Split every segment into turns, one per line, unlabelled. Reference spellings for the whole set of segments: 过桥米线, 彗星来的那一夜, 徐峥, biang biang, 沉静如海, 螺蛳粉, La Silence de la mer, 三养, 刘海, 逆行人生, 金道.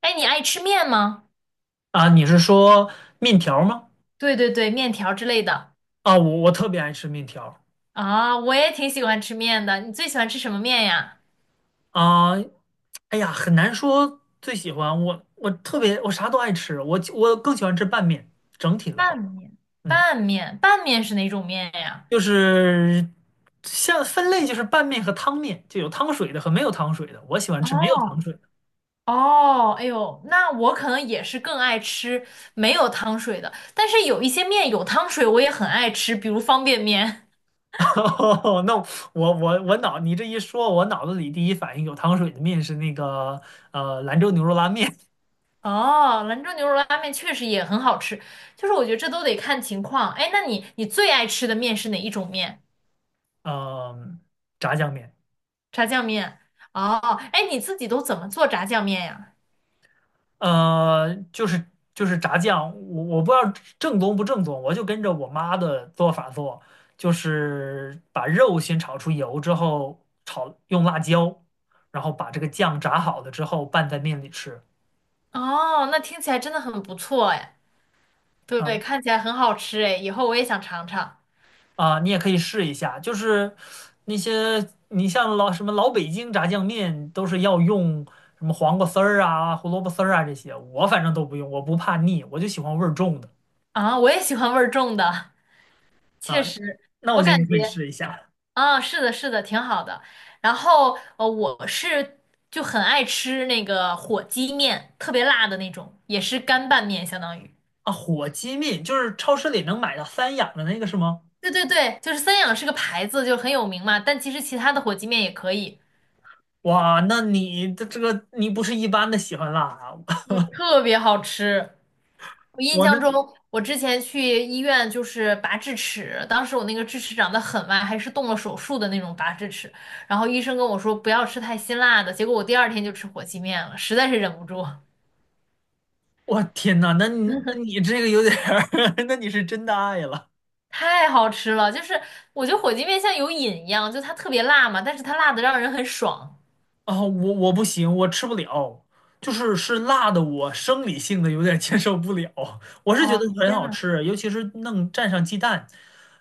哎，你爱吃面吗？
啊，你是说面条吗？
对对对，面条之类的
啊,我特别爱吃面条
啊，我也挺喜欢吃面的。你最喜欢吃什么面呀？
啊，哎呀，很难说最喜欢我，我特别我啥都爱吃，我更喜欢吃拌面。整体的
拌
话，
面。
嗯，
拌面，拌面是哪种面呀？
就是像分类就是拌面和汤面，就有汤水的和没有汤水的，我喜欢吃没有汤
哦
水的。
哦，哎呦，那我可能也是更爱吃没有汤水的，但是有一些面有汤水，我也很爱吃，比如方便面。
哦那我脑你这一说，我脑子里第一反应有汤水的面是那个兰州牛肉拉面，
哦，兰州牛肉拉面确实也很好吃，就是我觉得这都得看情况。哎，那你最爱吃的面是哪一种面？
嗯、炸酱面。
炸酱面。哦，哎，你自己都怎么做炸酱面呀？
就是炸酱，我不知道正宗不正宗，我就跟着我妈的做法做，就是把肉先炒出油之后炒，用辣椒，然后把这个酱炸好了之后拌在面里吃。
哦，那听起来真的很不错哎。
啊
对，看起来很好吃哎，以后我也想尝尝。
啊，你也可以试一下，就是那些你像老什么老北京炸酱面都是要用什么黄瓜丝儿啊、胡萝卜丝儿啊这些，我反正都不用，我不怕腻，我就喜欢味儿重的
啊，我也喜欢味儿重的，确
啊。
实，
那
我
我觉得
感
你可以
觉
试一下。
啊，是的，是的，挺好的。然后就很爱吃那个火鸡面，特别辣的那种，也是干拌面，相当于。
啊，火鸡面就是超市里能买到三养的那个是吗？
对对对，就是三养是个牌子，就很有名嘛，但其实其他的火鸡面也可以，
哇，那你的这个你不是一般的喜欢辣啊！
特别好吃。我印
我那
象中，我之前去医院就是拔智齿，当时我那个智齿长得很歪，还是动了手术的那种拔智齿。然后医生跟我说不要吃太辛辣的，结果我第二天就吃火鸡面了，实在是忍不住，
我天呐，那你这个有点儿，那你是真的爱了
太好吃了。就是我觉得火鸡面像有瘾一样，就它特别辣嘛，但是它辣的让人很爽。
啊！我不行，我吃不了，就是辣的，我生理性的有点接受不了。我是觉
哦，
得很
天
好
呐，
吃，尤其是弄蘸上鸡蛋，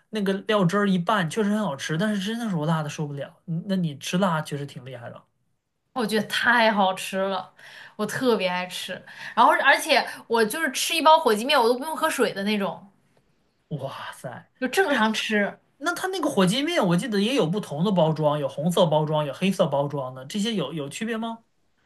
那个料汁儿一拌，确实很好吃。但是真的是我辣的受不了。嗯那你吃辣确实挺厉害的，
我觉得太好吃了，我特别爱吃。然后而且我就是吃一包火鸡面，我都不用喝水的那种，
哇塞！
就正
那。
常吃。
那它那个火鸡面，我记得也有不同的包装，有红色包装，有黑色包装的，这些有区别吗？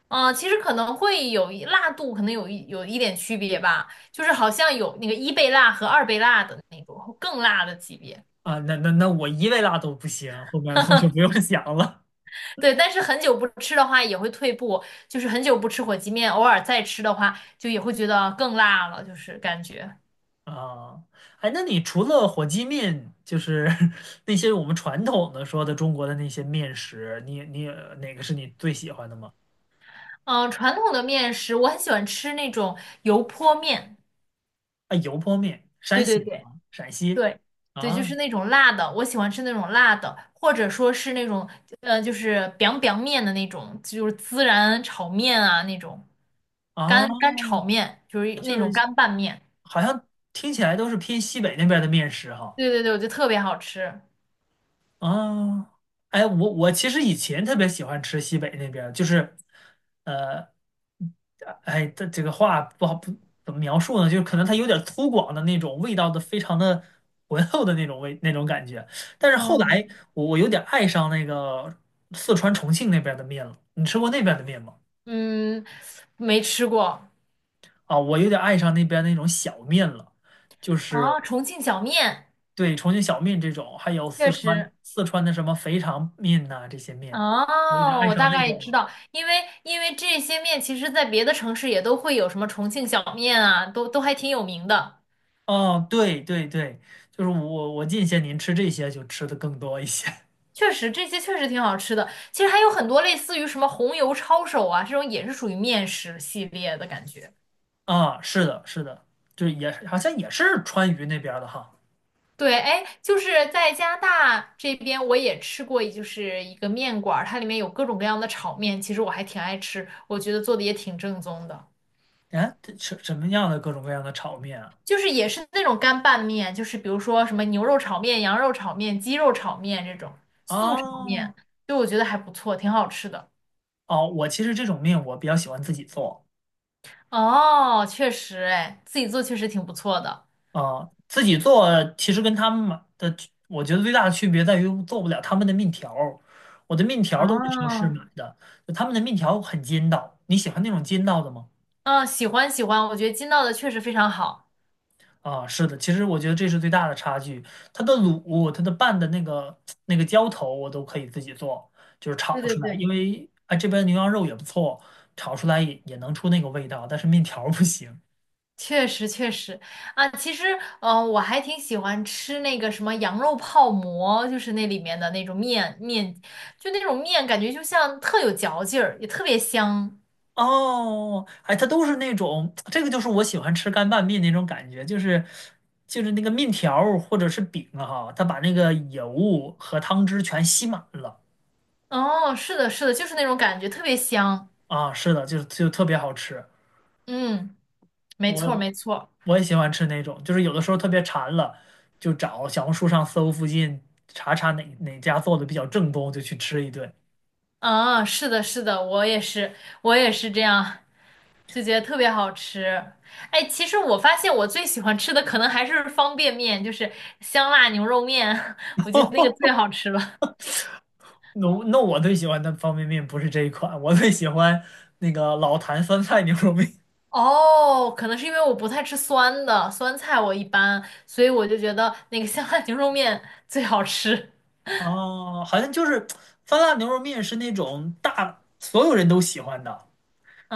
嗯，其实可能会有一辣度，可能有一点区别吧，就是好像有那个一倍辣和二倍辣的那种更辣的级别。
啊，那我一味辣都不行，后面我就不用想了
对，但是很久不吃的话也会退步，就是很久不吃火鸡面，偶尔再吃的话，就也会觉得更辣了，就是感觉。
啊。哎，那你除了火鸡面，就是 那些我们传统的说的中国的那些面食，你哪个是你最喜欢的吗？
嗯，传统的面食我很喜欢吃那种油泼面，
啊，油泼面，山
对
西
对
的
对。
啊，陕西
对，对，就是
啊
那种辣的，我喜欢吃那种辣的，或者说是那种就是 biang biang 面的那种，就是孜然炒面啊那种，
啊，
干炒面，就是
就
那种
是
干拌面。
好像听起来都是偏西北那边的面食哈。
对对对，我觉得特别好吃。
啊，哎，我其实以前特别喜欢吃西北那边儿就是，呃，哎，这个话不好不怎么描述呢，就是可能它有点粗犷的那种味道的，非常的浑厚的那种味那种感觉。但是后来
嗯，
我有点爱上那个四川重庆那边儿的面了，你吃过那边儿的面吗？
嗯，没吃过
啊，我有点爱上那边儿那种小面了，就是
啊，重庆小面
对重庆小面这种，还有四
确
川
实
四川的什么肥肠面呐、这些面，我有点
哦，
爱
我
上
大
那
概
种
知
了。
道，因为这些面其实在别的城市也都会有什么重庆小面啊，都还挺有名的。
哦，对对对，就是我近些年吃这些就吃的更多一些
确实这些确实挺好吃的。其实还有很多类似于什么红油抄手啊，这种也是属于面食系列的感觉。
啊，是的，是的，就是也好像也是川渝那边儿的哈。
对，哎，就是在加拿大这边，我也吃过，就是一个面馆儿，它里面有各种各样的炒面，其实我还挺爱吃，我觉得做的也挺正宗的，
哎，这什么样的各种各样的炒面啊？
就是也是那种干拌面，就是比如说什么牛肉炒面、羊肉炒面、鸡肉炒面这种素炒
哦
面，就我觉得还不错，挺好吃的。
哦，我其实这种面我比较喜欢自己做
哦，确实，哎，自己做确实挺不错的。
啊，自己做其实跟他们买的，我觉得最大的区别在于做不了他们的面条儿我的面条儿都是超市
哦，
买的，就他们的面条很筋道。你喜欢那种筋道的吗？
嗯，喜欢喜欢，我觉得金道的确实非常好。
啊，是的，其实我觉得这是最大的差距。它的卤，它的拌的那个那个浇头，我都可以自己做，就是炒
对对
出来。
对，
因为啊，这边牛羊肉也不错，炒出来也能出那个味道，但是面条儿不行。
确实确实啊，其实我还挺喜欢吃那个什么羊肉泡馍，就是那里面的那种面面，就那种面感觉就像特有嚼劲儿，也特别香。
哦，哎，它都是那种，这个就是我喜欢吃干拌面那种感觉，就是那个面条儿或者是饼啊哈，它把那个油和汤汁全吸满了
哦，是的，是的，就是那种感觉，特别香。
啊，是的，就特别好吃。
嗯，没错
我
没错。
我也喜欢吃那种，就是有的时候特别馋了，就找小红书上搜附近查查哪家做的比较正宗，就去吃一顿。
啊，是的，是的，我也是，我也是这样，就觉得特别好吃。哎，其实我发现我最喜欢吃的可能还是方便面，就是香辣牛肉面，我觉得那个最好吃了。
那我最喜欢的方便面不是这一款，我最喜欢那个老坛酸菜牛肉面。
哦，可能是因为我不太吃酸的，酸菜我一般，所以我就觉得那个香辣牛肉面最好吃。
哦，好像就是酸辣牛肉面是那种大所有人都喜欢的，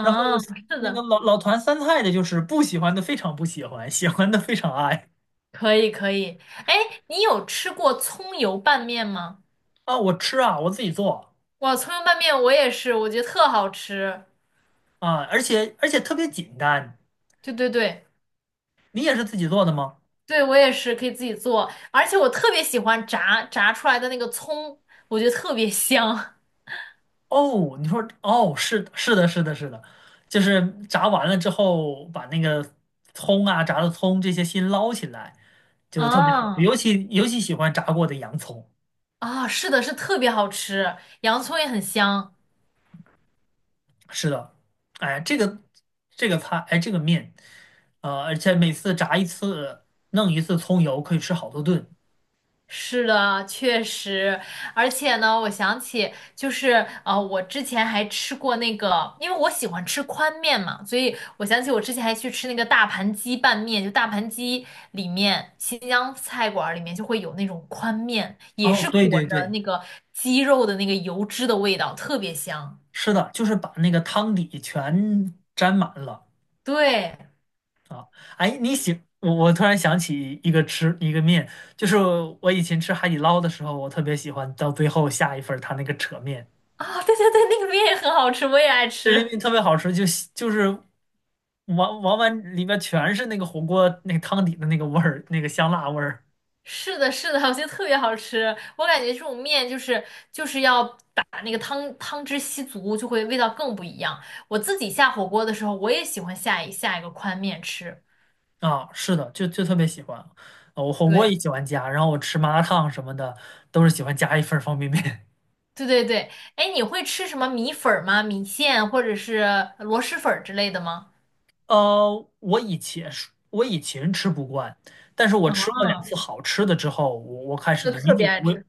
然后
是
那个
的，
老坛酸菜的就是不喜欢的非常不喜欢，喜欢的非常爱
可以可以。哎，你有吃过葱油拌面吗？
啊！我吃啊，我自己做
哇，葱油拌面我也是，我觉得特好吃。
啊，而且特别简单。
对对对。
你也是自己做的吗？
对，我也是可以自己做，而且我特别喜欢炸出来的那个葱，我觉得特别香。
哦，你说哦，是的是的，是的，是的，就是炸完了之后，把那个葱啊、炸的葱这些先捞起来，就是特别好，
啊
尤其喜欢炸过的洋葱。
啊，是的，是特别好吃，洋葱也很香。
是的，哎，这个菜，哎，这个面，而且每次炸一次，弄一次葱油，可以吃好多顿。
是的，确实，而且呢，我想起就是我之前还吃过那个，因为我喜欢吃宽面嘛，所以我想起我之前还去吃那个大盘鸡拌面，就大盘鸡里面新疆菜馆儿里面就会有那种宽面，也
哦，
是
对
裹
对
着
对，
那个鸡肉的那个油脂的味道，特别香。
是的，就是把那个汤底全沾满了。
对，
啊，哎，你喜我突然想起一个吃一个面，就是我以前吃海底捞的时候，我特别喜欢到最后下一份儿它那个扯面，
啊、对对对，那个面也很好吃，我也爱
对个
吃。
特别好吃，就是往往碗里面全是那个火锅那个汤底的那个味儿，那个香辣味儿
是的，是的，我觉得特别好吃。我感觉这种面就是要把那个汤汁吸足，就会味道更不一样。我自己下火锅的时候，我也喜欢下一个宽面吃。
啊，是的，就特别喜欢。啊我火锅也
对，
喜欢加，然后我吃麻辣烫什么的都是喜欢加一份儿方便面
对对对。哎，你会吃什么米粉儿吗？米线或者是螺蛳粉儿之类的吗？
我以前是，我以前吃不惯，但是我
啊，
吃过两次好吃的之后，我开始
就
理
特
解
别爱
我
吃。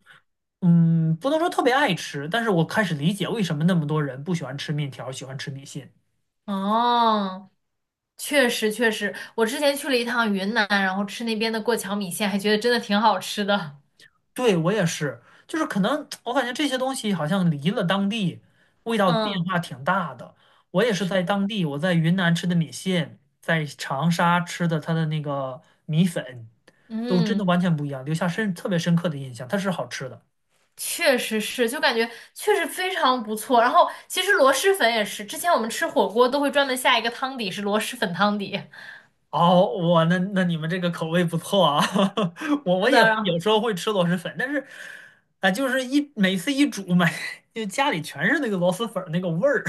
嗯，不能说特别爱吃，但是我开始理解为什么那么多人不喜欢吃面条，喜欢吃米线。
哦，确实确实，我之前去了一趟云南，然后吃那边的过桥米线，还觉得真的挺好吃的。
对，我也是，就是可能我感觉这些东西好像离了当地，味道变
嗯，
化挺大的。我也是
是
在
的。
当地，我在云南吃的米线，在长沙吃的它的那个米粉，都真的
嗯。
完全不一样，留下深特别深刻的印象，它是好吃的。
确实是，就感觉确实非常不错。然后其实螺蛳粉也是，之前我们吃火锅都会专门下一个汤底是螺蛳粉汤底。
哦，我那你们这个口味不错啊，我
是
我也
的，然后
有时候会吃螺蛳粉，但是，啊、就是每次煮买，就家里全是那个螺蛳粉儿那个味儿，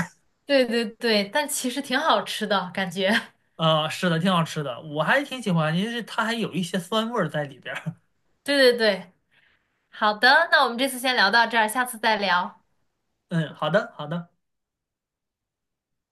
对对对，但其实挺好吃的感觉。
啊、是的，挺好吃的，我还挺喜欢，因为它还有一些酸味儿在里边儿。
对对对，好的，那我们这次先聊到这儿，下次再聊。
嗯，好的，好的。